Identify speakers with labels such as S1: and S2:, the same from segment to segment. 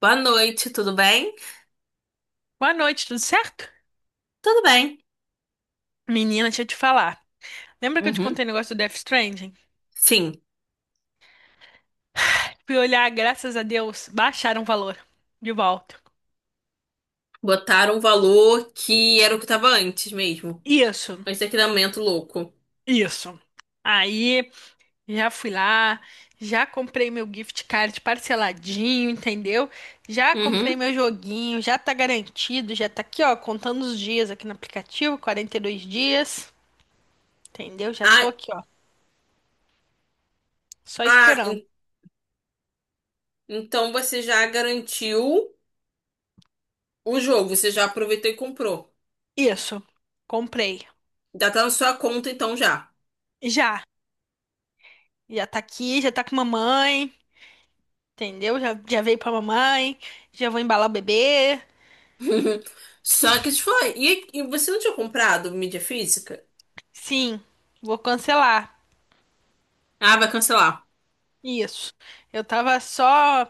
S1: Boa noite, tudo bem?
S2: Boa noite, tudo certo?
S1: Tudo bem.
S2: Menina, deixa eu te falar. Lembra que eu te
S1: Uhum.
S2: contei o negócio do Death Stranding?
S1: Sim,
S2: Fui olhar, graças a Deus, baixaram o valor de volta.
S1: botaram um valor que era o que tava antes mesmo.
S2: Isso,
S1: Antes daquele aumento louco.
S2: isso. Aí, já fui lá, já comprei meu gift card parceladinho, entendeu? Já comprei
S1: Uhum.
S2: meu joguinho, já tá garantido, já tá aqui, ó, contando os dias aqui no aplicativo, 42 dias, entendeu? Já
S1: Ah,
S2: tô aqui, ó, só
S1: ah,
S2: esperando.
S1: então você já garantiu o jogo, você já aproveitou e comprou.
S2: Isso, comprei.
S1: Já tá na sua conta então já.
S2: Já, já tá aqui, já tá com mamãe. Entendeu? Já, já veio pra mamãe, já vou embalar o bebê.
S1: Só que isso foi. E você não tinha comprado mídia física?
S2: Sim, vou cancelar.
S1: Ah, vai cancelar.
S2: Isso. Eu tava só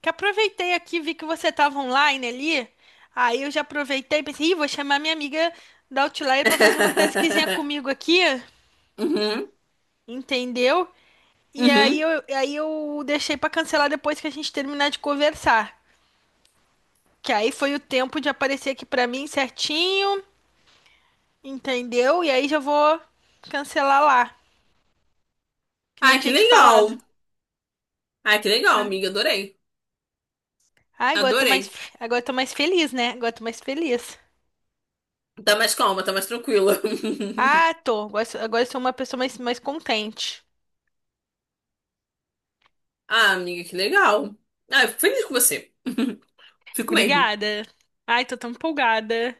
S2: que aproveitei aqui, vi que você tava online ali. Aí eu já aproveitei e pensei, ih, vou chamar minha amiga da Outlier pra fazer uma tasquinha comigo aqui,
S1: Uhum,
S2: entendeu? E aí
S1: uhum.
S2: eu, aí eu deixei pra cancelar depois que a gente terminar de conversar. Que aí foi o tempo de aparecer aqui pra mim certinho, entendeu? E aí já vou cancelar lá. Que nem
S1: Ai, que
S2: tinha te falado.
S1: legal. Ai, que legal,
S2: Ah,
S1: amiga. Adorei.
S2: ah,
S1: Adorei.
S2: agora eu tô mais feliz, né? Agora eu tô mais feliz.
S1: Tá mais calma, tá mais tranquila.
S2: Ah, tô. Agora, eu sou uma pessoa mais contente.
S1: Ah, amiga, que legal. Ah, eu fico feliz com você. Fico mesmo.
S2: Obrigada. Ai, tô tão empolgada.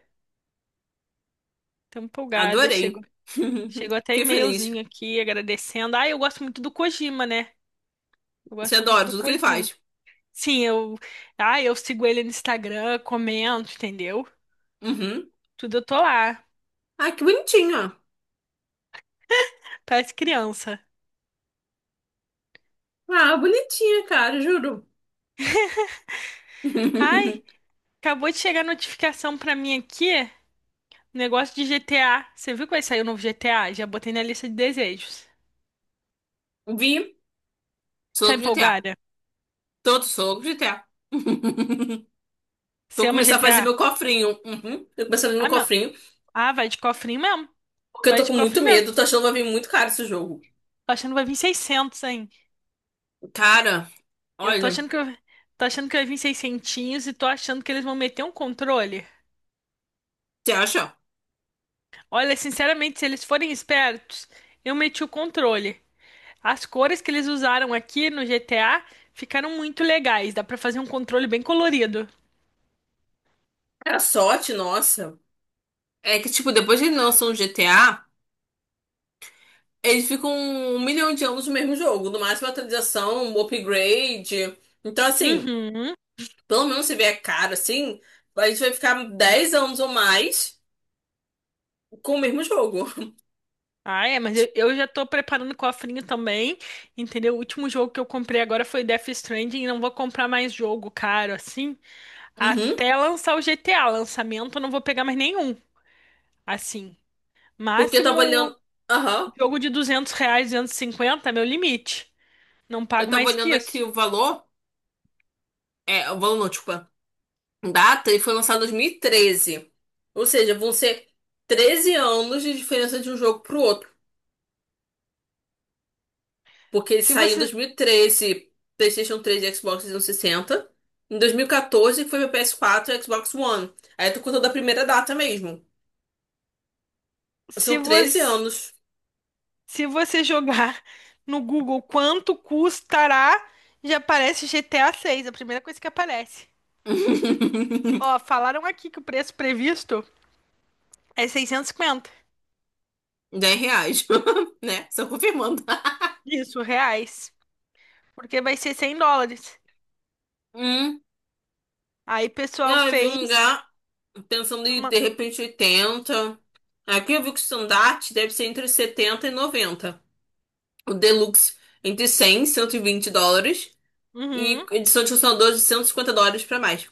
S2: Tão empolgada. Chegou,
S1: Adorei.
S2: chegou até
S1: Fiquei feliz.
S2: e-mailzinho aqui agradecendo. Ai, eu gosto muito do Kojima, né? Eu
S1: Você
S2: gosto muito
S1: adora
S2: do
S1: tudo que ele
S2: Kojima.
S1: faz.
S2: Sim, eu. Ai, eu sigo ele no Instagram, comento, entendeu?
S1: Uhum.
S2: Tudo eu tô lá.
S1: Ah, que bonitinha.
S2: Parece criança.
S1: Ah, bonitinha, cara, juro.
S2: Ai, acabou de chegar a notificação pra mim aqui. Negócio de GTA. Você viu que vai sair o novo GTA? Já botei na lista de desejos.
S1: Vi.
S2: Tá
S1: Soco de GTA.
S2: empolgada?
S1: Todo soco de GTA.
S2: Você
S1: Vou
S2: ama
S1: começar a fazer
S2: GTA?
S1: meu cofrinho. Uhum. Vou começar a fazer meu
S2: Ah, meu.
S1: cofrinho.
S2: Ah, vai de cofrinho mesmo.
S1: Porque eu
S2: Vai
S1: tô
S2: de
S1: com muito
S2: cofrinho mesmo.
S1: medo. Tô achando que vai vir muito caro esse jogo.
S2: Tô achando que vai vir 600, hein?
S1: Cara,
S2: Eu tô
S1: olha.
S2: achando que eu... Tô achando que vai vir seiscentinhos e tô achando que eles vão meter um controle.
S1: Você acha?
S2: Olha, sinceramente, se eles forem espertos, eu meti o controle. As cores que eles usaram aqui no GTA ficaram muito legais. Dá pra fazer um controle bem colorido.
S1: Era sorte, nossa. É que, tipo, depois que eles lançam o GTA, eles ficam um milhão de anos no mesmo jogo. No máximo, atualização, um upgrade. Então, assim,
S2: Uhum.
S1: pelo menos se vier caro, assim, a gente vai ficar 10 anos ou mais com o mesmo jogo.
S2: Ah, é, mas eu já tô preparando o cofrinho também, entendeu? O último jogo que eu comprei agora foi Death Stranding e não vou comprar mais jogo caro, assim,
S1: Uhum.
S2: até lançar o GTA. Lançamento eu não vou pegar mais nenhum, assim.
S1: Porque eu tava olhando...
S2: Máximo
S1: Aham.
S2: jogo de 200 reais, 250 cinquenta, meu limite. Não
S1: Eu
S2: pago
S1: tava
S2: mais que
S1: olhando aqui
S2: isso.
S1: o valor. É, o valor não, desculpa. Data, e foi lançado em 2013. Ou seja, vão ser 13 anos de diferença de um jogo pro outro. Porque ele
S2: Se
S1: saiu em
S2: você,
S1: 2013, PlayStation 3 e Xbox 360. Em 2014, que foi meu PS4 e Xbox One. Aí tu contou da primeira data mesmo.
S2: se
S1: São 13
S2: você,
S1: anos.
S2: se você jogar no Google quanto custará, já aparece GTA 6, a seis, a primeira coisa que aparece. Ó, falaram aqui que o preço previsto é 650.
S1: 10 reais, né? Só confirmando.
S2: Isso, reais. Porque vai ser 100 dólares.
S1: Hum.
S2: Aí, pessoal,
S1: Ah, eu vi um
S2: fez
S1: lugar pensando em,
S2: uma...
S1: de repente, 80. Aqui eu vi que o standard deve ser entre 70 e 90. O deluxe entre 100 e 120 dólares. E
S2: Uhum.
S1: edição de funcionadores de 150 dólares pra mais.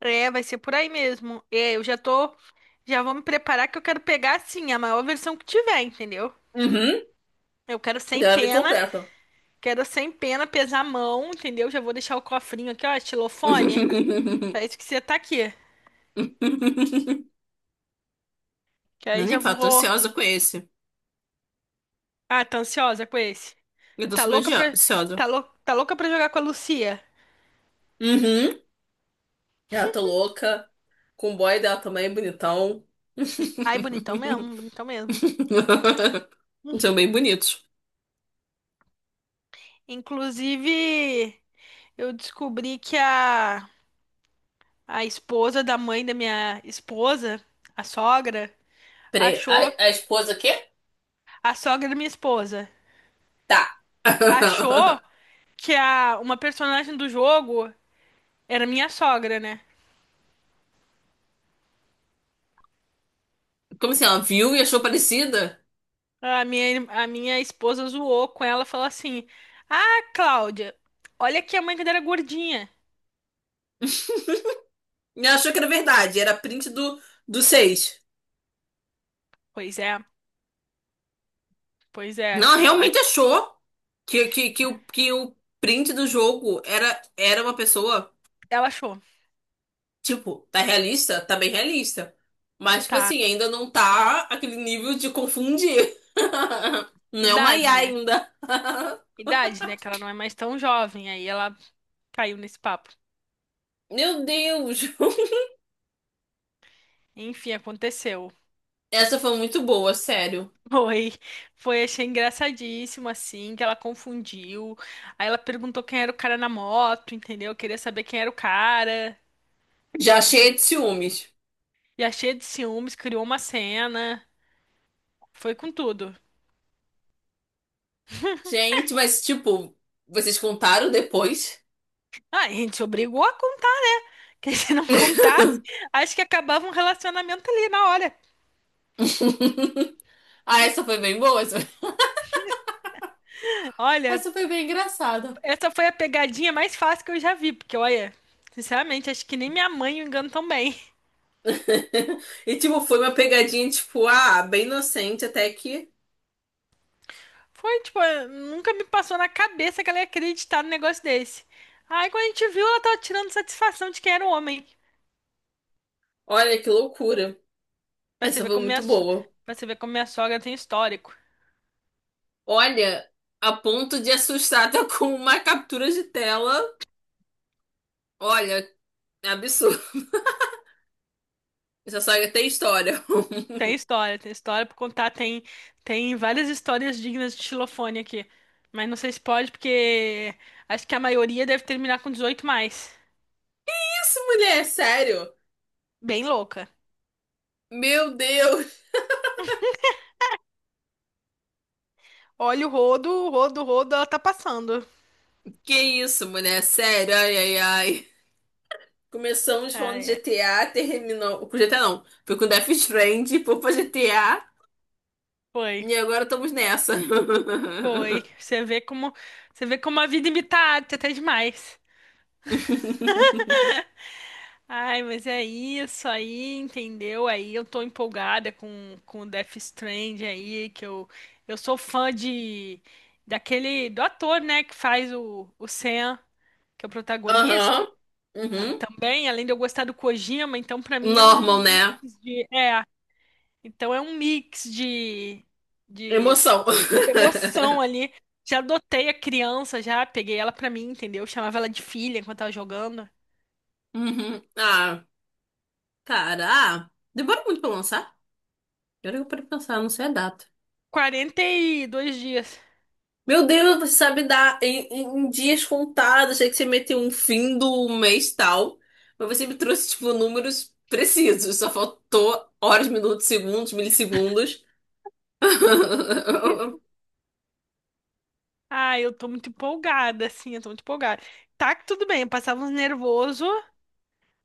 S2: É, vai ser por aí mesmo. É, eu já tô... Já vou me preparar que eu quero pegar, assim, a maior versão que tiver, entendeu?
S1: Uhum.
S2: Eu quero sem
S1: Deve vir
S2: pena.
S1: completa.
S2: Quero sem pena, pesar a mão, entendeu? Já vou deixar o cofrinho aqui, ó, estilofone. Pra isso que você tá aqui. Que
S1: Não,
S2: aí já
S1: nem falo, tô
S2: vou...
S1: ansiosa com esse.
S2: Ah, tá ansiosa com esse?
S1: Eu tô
S2: Tá
S1: super
S2: louca pra...
S1: ansiosa.
S2: Tá louca pra jogar com a Lucia?
S1: Uhum. Ela tá louca. Com o boy dela também, bonitão.
S2: Ai, bonitão mesmo, bonitão mesmo.
S1: São bem bonitos.
S2: Inclusive, eu descobri que a esposa da mãe da minha esposa, a sogra,
S1: Peraí, a,
S2: achou.
S1: a esposa quê?
S2: A sogra da minha esposa
S1: Tá.
S2: achou que uma personagem do jogo era minha sogra, né?
S1: Como assim? Ela viu e achou parecida?
S2: A minha esposa zoou com ela, falou assim: Ah, Cláudia, olha que a mãe dela era gordinha.
S1: E ela achou que era verdade. Era print do 6.
S2: Pois é, pois é,
S1: Não, ela
S2: achou.
S1: realmente achou que o print do jogo era uma pessoa.
S2: Ela achou.
S1: Tipo, tá realista? Tá bem realista. Mas, tipo
S2: Tá,
S1: assim, ainda não tá aquele nível de confundir. Não é uma IA
S2: idade, né?
S1: ainda.
S2: Idade, né? Que ela não é mais tão jovem. Aí ela caiu nesse papo.
S1: Meu Deus!
S2: Enfim, aconteceu.
S1: Essa foi muito boa, sério.
S2: Foi, foi, achei engraçadíssimo, assim, que ela confundiu. Aí ela perguntou quem era o cara na moto, entendeu? Queria saber quem era o cara,
S1: Já cheia de
S2: entende?
S1: ciúmes.
S2: E a cheia de ciúmes, criou uma cena. Foi com tudo.
S1: Gente, mas, tipo, vocês contaram depois?
S2: Ah, a gente se obrigou a contar. Que se não contasse, acho que acabava um relacionamento ali na hora.
S1: Ah, essa foi bem boa. Essa.
S2: Olha,
S1: Essa foi bem engraçada.
S2: essa foi a pegadinha mais fácil que eu já vi, porque, olha, sinceramente, acho que nem minha mãe me engano tão bem.
S1: E, tipo, foi uma pegadinha, tipo, ah, bem inocente até que.
S2: Foi, tipo, nunca me passou na cabeça que ela ia acreditar num negócio desse. Aí quando a gente viu, ela tava tirando satisfação de quem era o homem.
S1: Olha que loucura.
S2: Pra você
S1: Essa
S2: ver
S1: foi
S2: como minha,
S1: muito
S2: so-
S1: boa.
S2: pra você ver como minha sogra tem histórico.
S1: Olha, a ponto de assustar até com uma captura de tela. Olha, é absurdo. Essa saga tem história.
S2: Tem história pra contar, tem várias histórias dignas de xilofone aqui. Mas não sei se pode, porque acho que a maioria deve terminar com 18 mais.
S1: Que isso, mulher? É sério?
S2: Bem louca.
S1: Meu Deus!
S2: Olha o rodo, o rodo, o rodo, ela tá passando.
S1: Que isso, mulher? É sério? Ai, ai, ai. Começamos
S2: Ah,
S1: falando de
S2: é.
S1: GTA, terminou. Com GTA não. Foi com Death Stranding, foi pra GTA.
S2: Foi,
S1: E agora estamos nessa.
S2: foi. Você vê como a vida imita a arte até demais. Ai, mas é isso aí, entendeu? Aí eu tô empolgada com o Death Stranding aí, que eu sou fã de daquele do ator, né, que faz o Sam, que é o protagonista.
S1: Aham.
S2: Eu
S1: Uhum.
S2: também, além de eu gostar do Kojima, então pra mim é um
S1: Normal,
S2: mix
S1: né?
S2: de é, então é um mix de
S1: Emoção.
S2: emoção ali. Já adotei a criança, já peguei ela pra mim, entendeu? Chamava ela de filha enquanto tava jogando.
S1: Uhum. Ah, cara, ah, demora muito pra lançar? Agora que eu parei pra pensar, não sei a data.
S2: 42 dias.
S1: Meu Deus, você sabe dar em, em dias contados. Achei que você meteu um fim do mês tal. Mas você me trouxe, tipo, números precisos. Só faltou horas, minutos, segundos, milissegundos.
S2: Ah, eu tô muito empolgada, assim, eu tô muito empolgada. Tá que tudo bem, eu passava uns nervoso,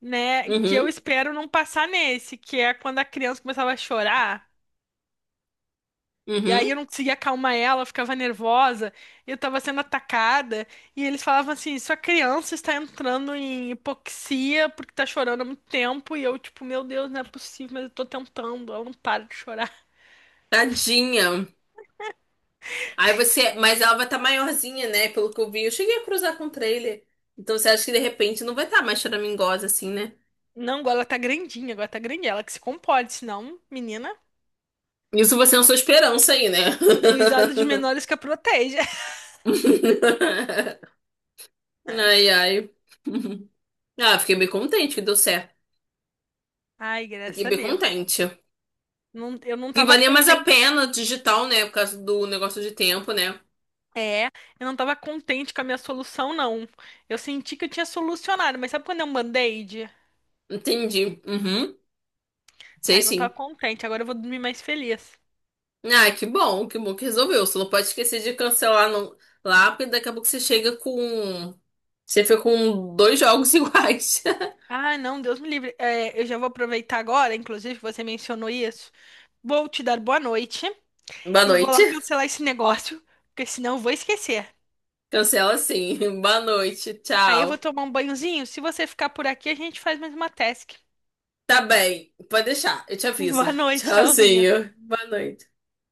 S2: né? Que eu
S1: Uhum,
S2: espero não passar nesse, que é quando a criança começava a chorar. E
S1: uhum.
S2: aí eu não conseguia acalmar ela, eu ficava nervosa, eu tava sendo atacada, e eles falavam assim: sua criança está entrando em hipoxia porque tá chorando há muito tempo, e eu, tipo, meu Deus, não é possível, mas eu tô tentando, ela não para de chorar.
S1: Tadinha. Aí você. Mas ela vai estar maiorzinha, né? Pelo que eu vi. Eu cheguei a cruzar com o trailer. Então você acha que de repente não vai estar mais choramingosa assim, né?
S2: Não, agora ela tá grandinha, agora tá grandinha, ela que se compode, senão, menina,
S1: Isso você é a sua esperança aí, né?
S2: juizado de menores que a protege.
S1: Ai, ai. Ah, fiquei bem contente que deu certo.
S2: Ai, graças
S1: Fiquei
S2: a
S1: bem
S2: Deus. Ó.
S1: contente.
S2: Eu não
S1: E
S2: tava
S1: valia mais a
S2: contente.
S1: pena digital, né? Por causa do negócio de tempo, né?
S2: É, eu não tava contente com a minha solução, não. Eu senti que eu tinha solucionado, mas sabe quando é um band-aid?
S1: Entendi. Uhum. Sei
S2: Aí não
S1: sim.
S2: tava contente, agora eu vou dormir mais feliz.
S1: Ah, que bom, que bom que resolveu. Você não pode esquecer de cancelar no... lá, porque daqui a pouco você chega com. Você fica com dois jogos iguais.
S2: Ah, não, Deus me livre. É, eu já vou aproveitar agora, inclusive você mencionou isso. Vou te dar boa noite
S1: Boa
S2: e vou
S1: noite.
S2: lá cancelar esse negócio, porque senão eu vou esquecer.
S1: Cancela sim. Boa noite.
S2: Aí eu vou
S1: Tchau.
S2: tomar um banhozinho. Se você ficar por aqui, a gente faz mais uma task.
S1: Tá bem. Pode deixar. Eu te aviso.
S2: Boa noite, tchauzinho.
S1: Tchauzinho. Boa noite.